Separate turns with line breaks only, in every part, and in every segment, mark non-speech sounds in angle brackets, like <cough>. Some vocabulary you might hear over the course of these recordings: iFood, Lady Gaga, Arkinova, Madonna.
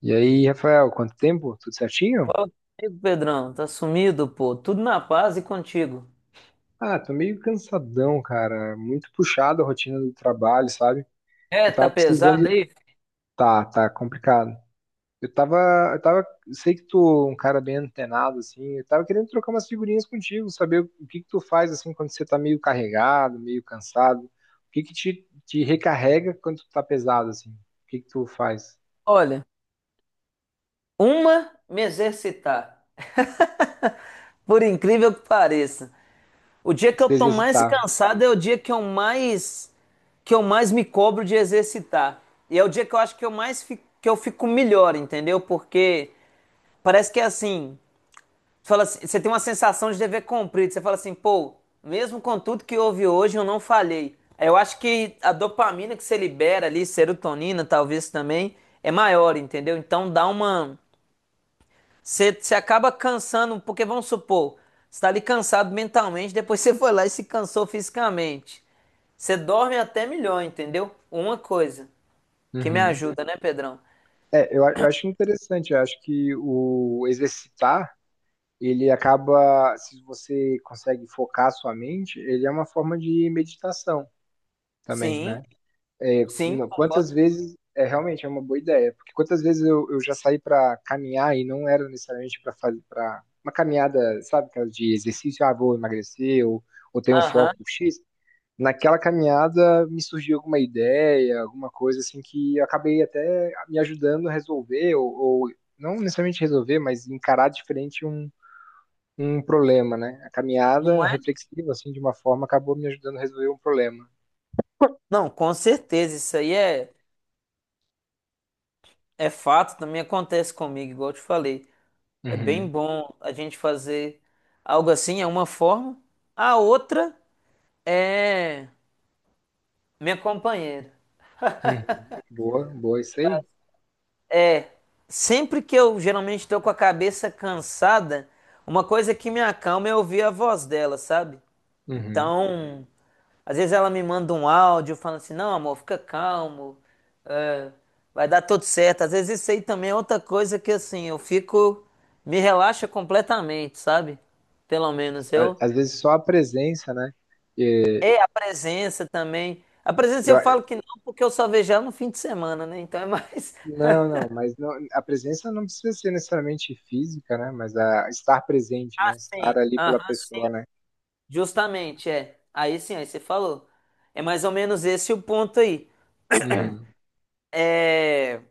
E aí, Rafael, quanto tempo? Tudo certinho?
Fala comigo, Pedrão. Tá sumido, pô. Tudo na paz e contigo.
Ah, tô meio cansadão, cara. Muito puxado a rotina do trabalho, sabe?
É,
Eu
tá
tava
pesado
precisando.
aí?
Tá, tá complicado. Eu tava, eu tava, sei que tu é um cara bem antenado, assim. Eu tava querendo trocar umas figurinhas contigo, saber o que que tu faz, assim, quando você tá meio carregado, meio cansado. O que que te recarrega quando tu tá pesado, assim? O que que tu faz?
Olha, uma me exercitar. <laughs> Por incrível que pareça. O dia que eu
Se
tô mais
exercitar.
cansado é o dia que eu mais me cobro de exercitar. E é o dia que eu acho que eu mais fico, que eu fico melhor, entendeu? Porque parece que é assim, fala assim- você tem uma sensação de dever cumprido. Você fala assim, pô, mesmo com tudo que houve hoje, eu não falhei. É, eu acho que a dopamina que você libera ali, serotonina talvez também, é maior, entendeu? Então dá uma. Você acaba cansando, porque vamos supor, você tá ali cansado mentalmente, depois <laughs> você foi lá e se cansou fisicamente. Você dorme até melhor, entendeu? Uma coisa que me
Uhum.
ajuda, né, Pedrão?
É, eu acho interessante. Eu acho que o exercitar ele acaba, se você consegue focar a sua mente, ele é uma forma de meditação também,
Sim,
né? É,
sim, concordo.
quantas vezes, é realmente é uma boa ideia, porque quantas vezes eu já saí para caminhar e não era necessariamente para fazer para uma caminhada, sabe, aquela de exercício, ah, vou emagrecer ou tenho um foco
Aham,
X. Naquela caminhada me surgiu alguma ideia, alguma coisa assim que eu acabei até me ajudando a resolver ou não necessariamente resolver, mas encarar diferente um problema, né? A
não
caminhada
é?
reflexiva, assim, de uma forma, acabou me ajudando a resolver um problema.
Não, com certeza, isso aí é. É fato, também acontece comigo, igual eu te falei. É bem
Uhum,
bom a gente fazer algo assim, é uma forma. A outra é minha companheira.
uhum. Boa, boa, isso aí.
É, sempre que eu geralmente estou com a cabeça cansada, uma coisa que me acalma é ouvir a voz dela, sabe?
Uhum.
Então, às vezes ela me manda um áudio falando assim: não, amor, fica calmo, vai dar tudo certo. Às vezes isso aí também é outra coisa que, assim, eu fico, me relaxa completamente, sabe? Pelo menos eu.
Às vezes só a presença, né? E
É a presença também. A presença
eu
eu
a-
falo que não, porque eu só vejo ela no fim de semana, né? Então é mais. <laughs>
não, não, a presença não precisa ser necessariamente física, né? Mas a estar presente,
Ah,
né? Estar
sim.
ali pela
Aham,
pessoa,
sim.
né?
Justamente, é. Aí sim, aí você falou. É mais ou menos esse o ponto aí.
Uhum.
É.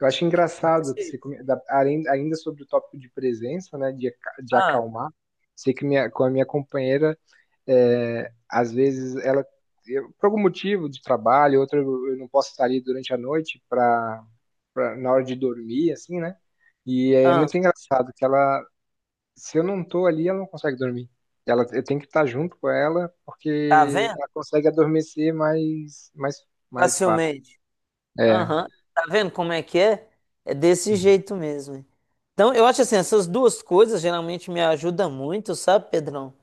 Eu acho engraçado que
Esse-
você, ainda sobre o tópico de presença, né? De
ah,
acalmar, sei que com a minha companheira é, às vezes ela, por algum motivo de trabalho, outro eu não posso estar ali durante a noite para na hora de dormir, assim, né? E é
ah,
muito engraçado que ela, se eu não tô ali, ela não consegue dormir. Ela, eu tenho que estar junto com ela
tá
porque
vendo?
ela consegue adormecer mais fácil.
Facilmente.
É.
Aham. Tá vendo como é que é? É desse
Uhum.
jeito mesmo, hein? Então, eu acho assim, essas duas coisas geralmente me ajudam muito, sabe, Pedrão?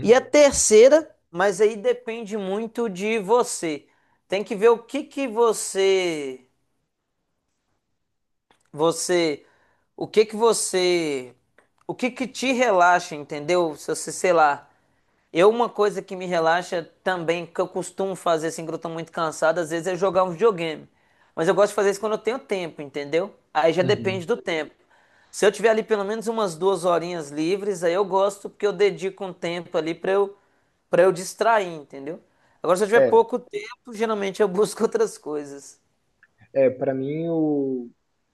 E a terceira, mas aí depende muito de você. Tem que ver o que que você, você, o que que você, o que que te relaxa, entendeu? Se você, sei lá, eu, uma coisa que me relaxa também, que eu costumo fazer assim, quando eu tô muito cansado, às vezes é jogar um videogame. Mas eu gosto de fazer isso quando eu tenho tempo, entendeu? Aí já depende
Uhum.
do tempo. Se eu tiver ali pelo menos umas duas horinhas livres, aí eu gosto, porque eu dedico um tempo ali para eu distrair, entendeu? Agora, se eu tiver
É,
pouco tempo, geralmente eu <laughs> busco outras coisas.
É, para mim o,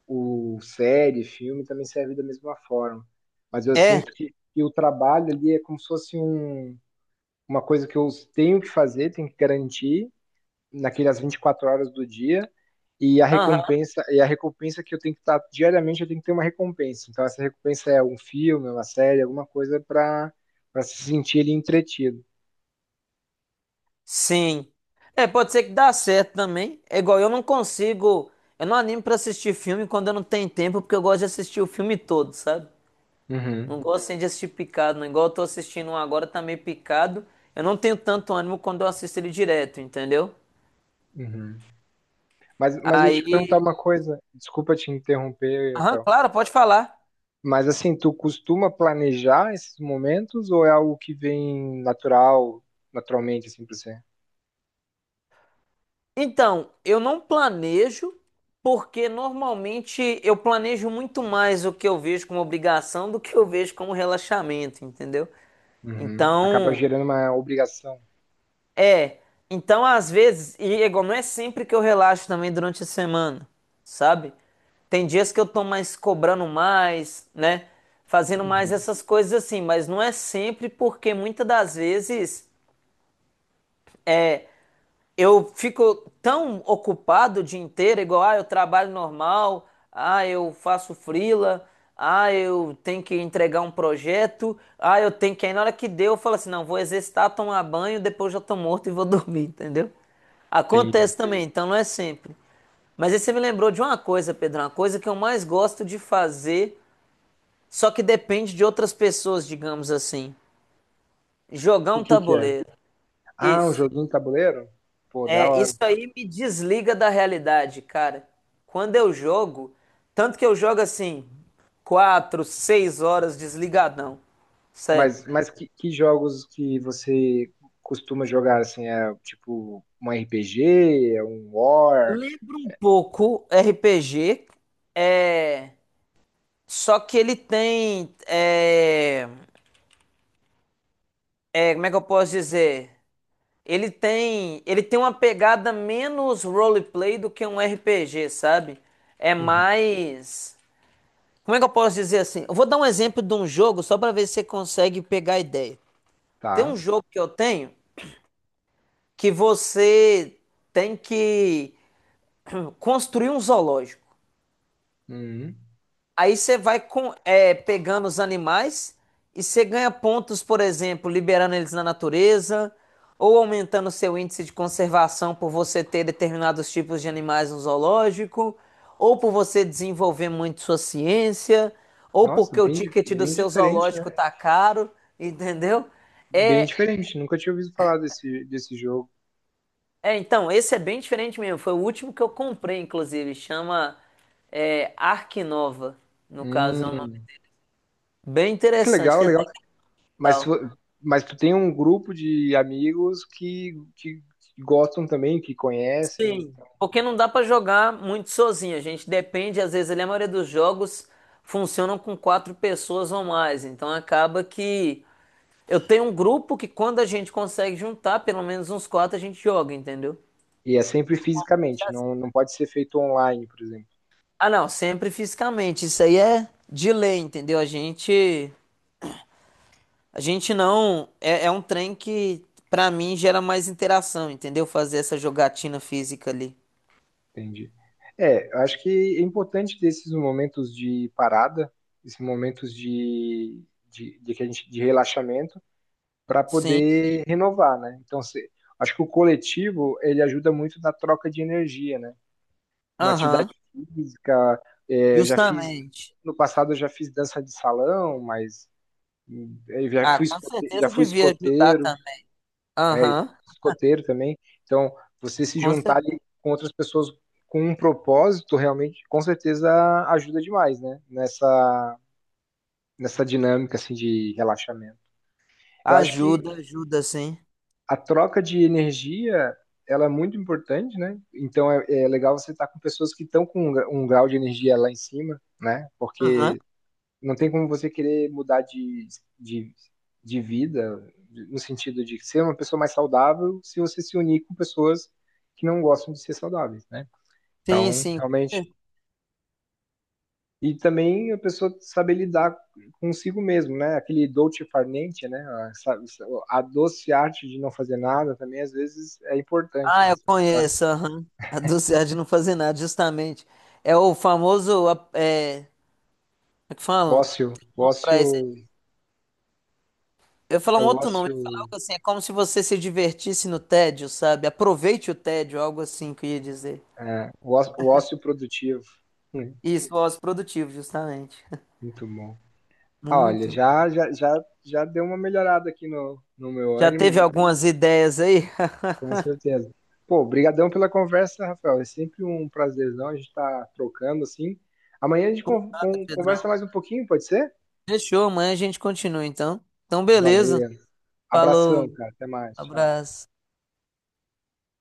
o série, filme também serve da mesma forma. Mas eu
É.
sinto que o trabalho ali é como se fosse um, uma coisa que eu tenho que fazer, tenho que garantir naquelas 24 horas do dia e a
Aham.
recompensa e a recompensa que eu tenho que estar diariamente, eu tenho que ter uma recompensa. Então essa recompensa é um filme, é uma série, alguma coisa para se sentir ali entretido.
Sim. É, pode ser que dá certo também. É igual, eu não consigo. Eu não animo pra assistir filme quando eu não tenho tempo, porque eu gosto de assistir o filme todo, sabe?
Uhum,
Não gosto assim, de assistir picado, não. Igual eu tô assistindo um agora, tá meio picado. Eu não tenho tanto ânimo quando eu assisto ele direto, entendeu?
uhum. Mas, deixa eu te perguntar
Aí.
uma coisa, desculpa te interromper,
Aham,
Rafael.
claro, pode falar.
Mas assim, tu costuma planejar esses momentos ou é algo que vem natural, naturalmente, assim, pra você?
Então, eu não planejo, porque normalmente eu planejo muito mais o que eu vejo como obrigação do que eu vejo como relaxamento, entendeu?
Uhum. Acaba
Então.
gerando uma obrigação.
É, então às vezes, e é igual, não é sempre que eu relaxo também durante a semana, sabe? Tem dias que eu tô mais cobrando mais, né? Fazendo mais
Uhum.
essas coisas assim, mas não é sempre porque muitas das vezes eu fico tão ocupado o dia inteiro, igual, ah, eu trabalho normal, ah, eu faço freela, ah, eu tenho que entregar um projeto, ah, eu tenho que. Aí na hora que deu, eu falo assim: não, vou exercitar, tomar banho, depois já tô morto e vou <laughs> dormir, entendeu?
Entendi.
Acontece também, então não é sempre. Mas aí você me lembrou de uma coisa, Pedro, uma coisa que eu mais gosto de fazer, só que depende de outras pessoas, digamos assim: jogar
O
um
que que é?
tabuleiro.
Ah, um
Isso.
joguinho de tabuleiro? Pô, da
É,
hora.
isso aí me desliga da realidade, cara. Quando eu jogo, tanto que eu jogo assim, quatro, seis horas desligadão. Sério.
Mas, que jogos que você costuma jogar, assim, é tipo um RPG, é um War?
Lembra um pouco RPG, é, só que ele tem, é, é, como é que eu posso dizer? Ele tem uma pegada menos roleplay do que um RPG, sabe? É
Uhum.
mais, como é que eu posso dizer assim? Eu vou dar um exemplo de um jogo só pra ver se você consegue pegar a ideia. Tem um
Tá.
jogo que eu tenho que você tem que construir um zoológico.
Uhum.
Aí você vai é, pegando os animais e você ganha pontos, por exemplo, liberando eles na natureza ou aumentando seu índice de conservação por você ter determinados tipos de animais no zoológico, ou por você desenvolver muito sua ciência, ou
Nossa,
porque o
bem, di-
ticket do
bem
seu
diferente, né?
zoológico tá caro, entendeu?
Bem
É,
diferente. Nunca tinha ouvido falar desse jogo.
É, então, esse é bem diferente mesmo. Foi o último que eu comprei, inclusive. Chama Arkinova, no caso. É um nome
Hum.
bem
Que
interessante.
legal,
Tem até
legal.
que
Mas,
tal.
tu- mas tu tem um grupo de amigos que gostam também, que conhecem,
Sim.
então.
Porque não dá pra jogar muito sozinho. A gente depende, às vezes, ali, a maioria dos jogos funcionam com quatro pessoas ou mais. Então acaba que eu tenho um grupo que quando a gente consegue juntar, pelo menos uns quatro, a gente joga, entendeu?
E é sempre fisicamente, não, não pode ser feito online, por exemplo.
Ah, não, sempre fisicamente. Isso aí é de lei, entendeu? A gente não. É, é um trem que, pra mim, gera mais interação, entendeu? Fazer essa jogatina física ali.
Entendi. É, eu acho que é importante ter esses momentos de parada, esses momentos de, que a gente, de relaxamento, para
Sim.
poder renovar, né? Então, acho que o coletivo, ele ajuda muito na troca de energia, né? Uma
Aham.
atividade física, é, eu já fiz
Justamente.
no passado eu já fiz dança de salão, mas eu
Ah, com
já
certeza
fui
devia ajudar
escoteiro,
também.
é,
Aham.
escoteiro também. Então, você se
Com
juntar
certeza.
ali com outras pessoas com um propósito realmente, com certeza ajuda demais, né? Nessa dinâmica assim de relaxamento. Eu acho
Ajuda,
que
ajuda, sim.
a troca de energia ela é muito importante, né? Então é legal você estar com pessoas que estão com um grau de energia lá em cima, né?
Aham.
Porque não tem como você querer mudar de, de vida, no sentido de ser uma pessoa mais saudável, se você se unir com pessoas que não gostam de ser saudáveis, né?
Sim,
Então,
sim.
realmente. E também a pessoa saber lidar consigo mesmo, né? Aquele dolce far niente, né? A doce arte de não fazer nada também, às vezes, é importante,
Ah,
né?
eu
Pra-
conheço. Aham. A dulce de não fazer nada, justamente. É o famoso. É, como é que
O
falam?
ócio,
Pra eu ia falar
é
um
o
outro nome, eu ia falar
ócio,
algo assim, é como se você se divertisse no tédio, sabe? Aproveite o tédio, algo assim que eu ia dizer.
o ócio produtivo. Hum,
Isso, voz produtivo, justamente. <laughs>
Muito bom. Olha,
Muito.
já deu uma melhorada aqui no meu
Já
ânimo,
teve algumas ideias aí, <laughs>
com certeza. Pô, brigadão pela conversa, Rafael. É sempre um prazerzão a gente estar trocando assim. Amanhã a gente
Nada, Pedrão?
conversa mais um pouquinho, pode ser?
Fechou, amanhã a gente continua então. Então, beleza.
Valeu. Abração,
Falou,
cara. Até mais. Tchau.
abraço.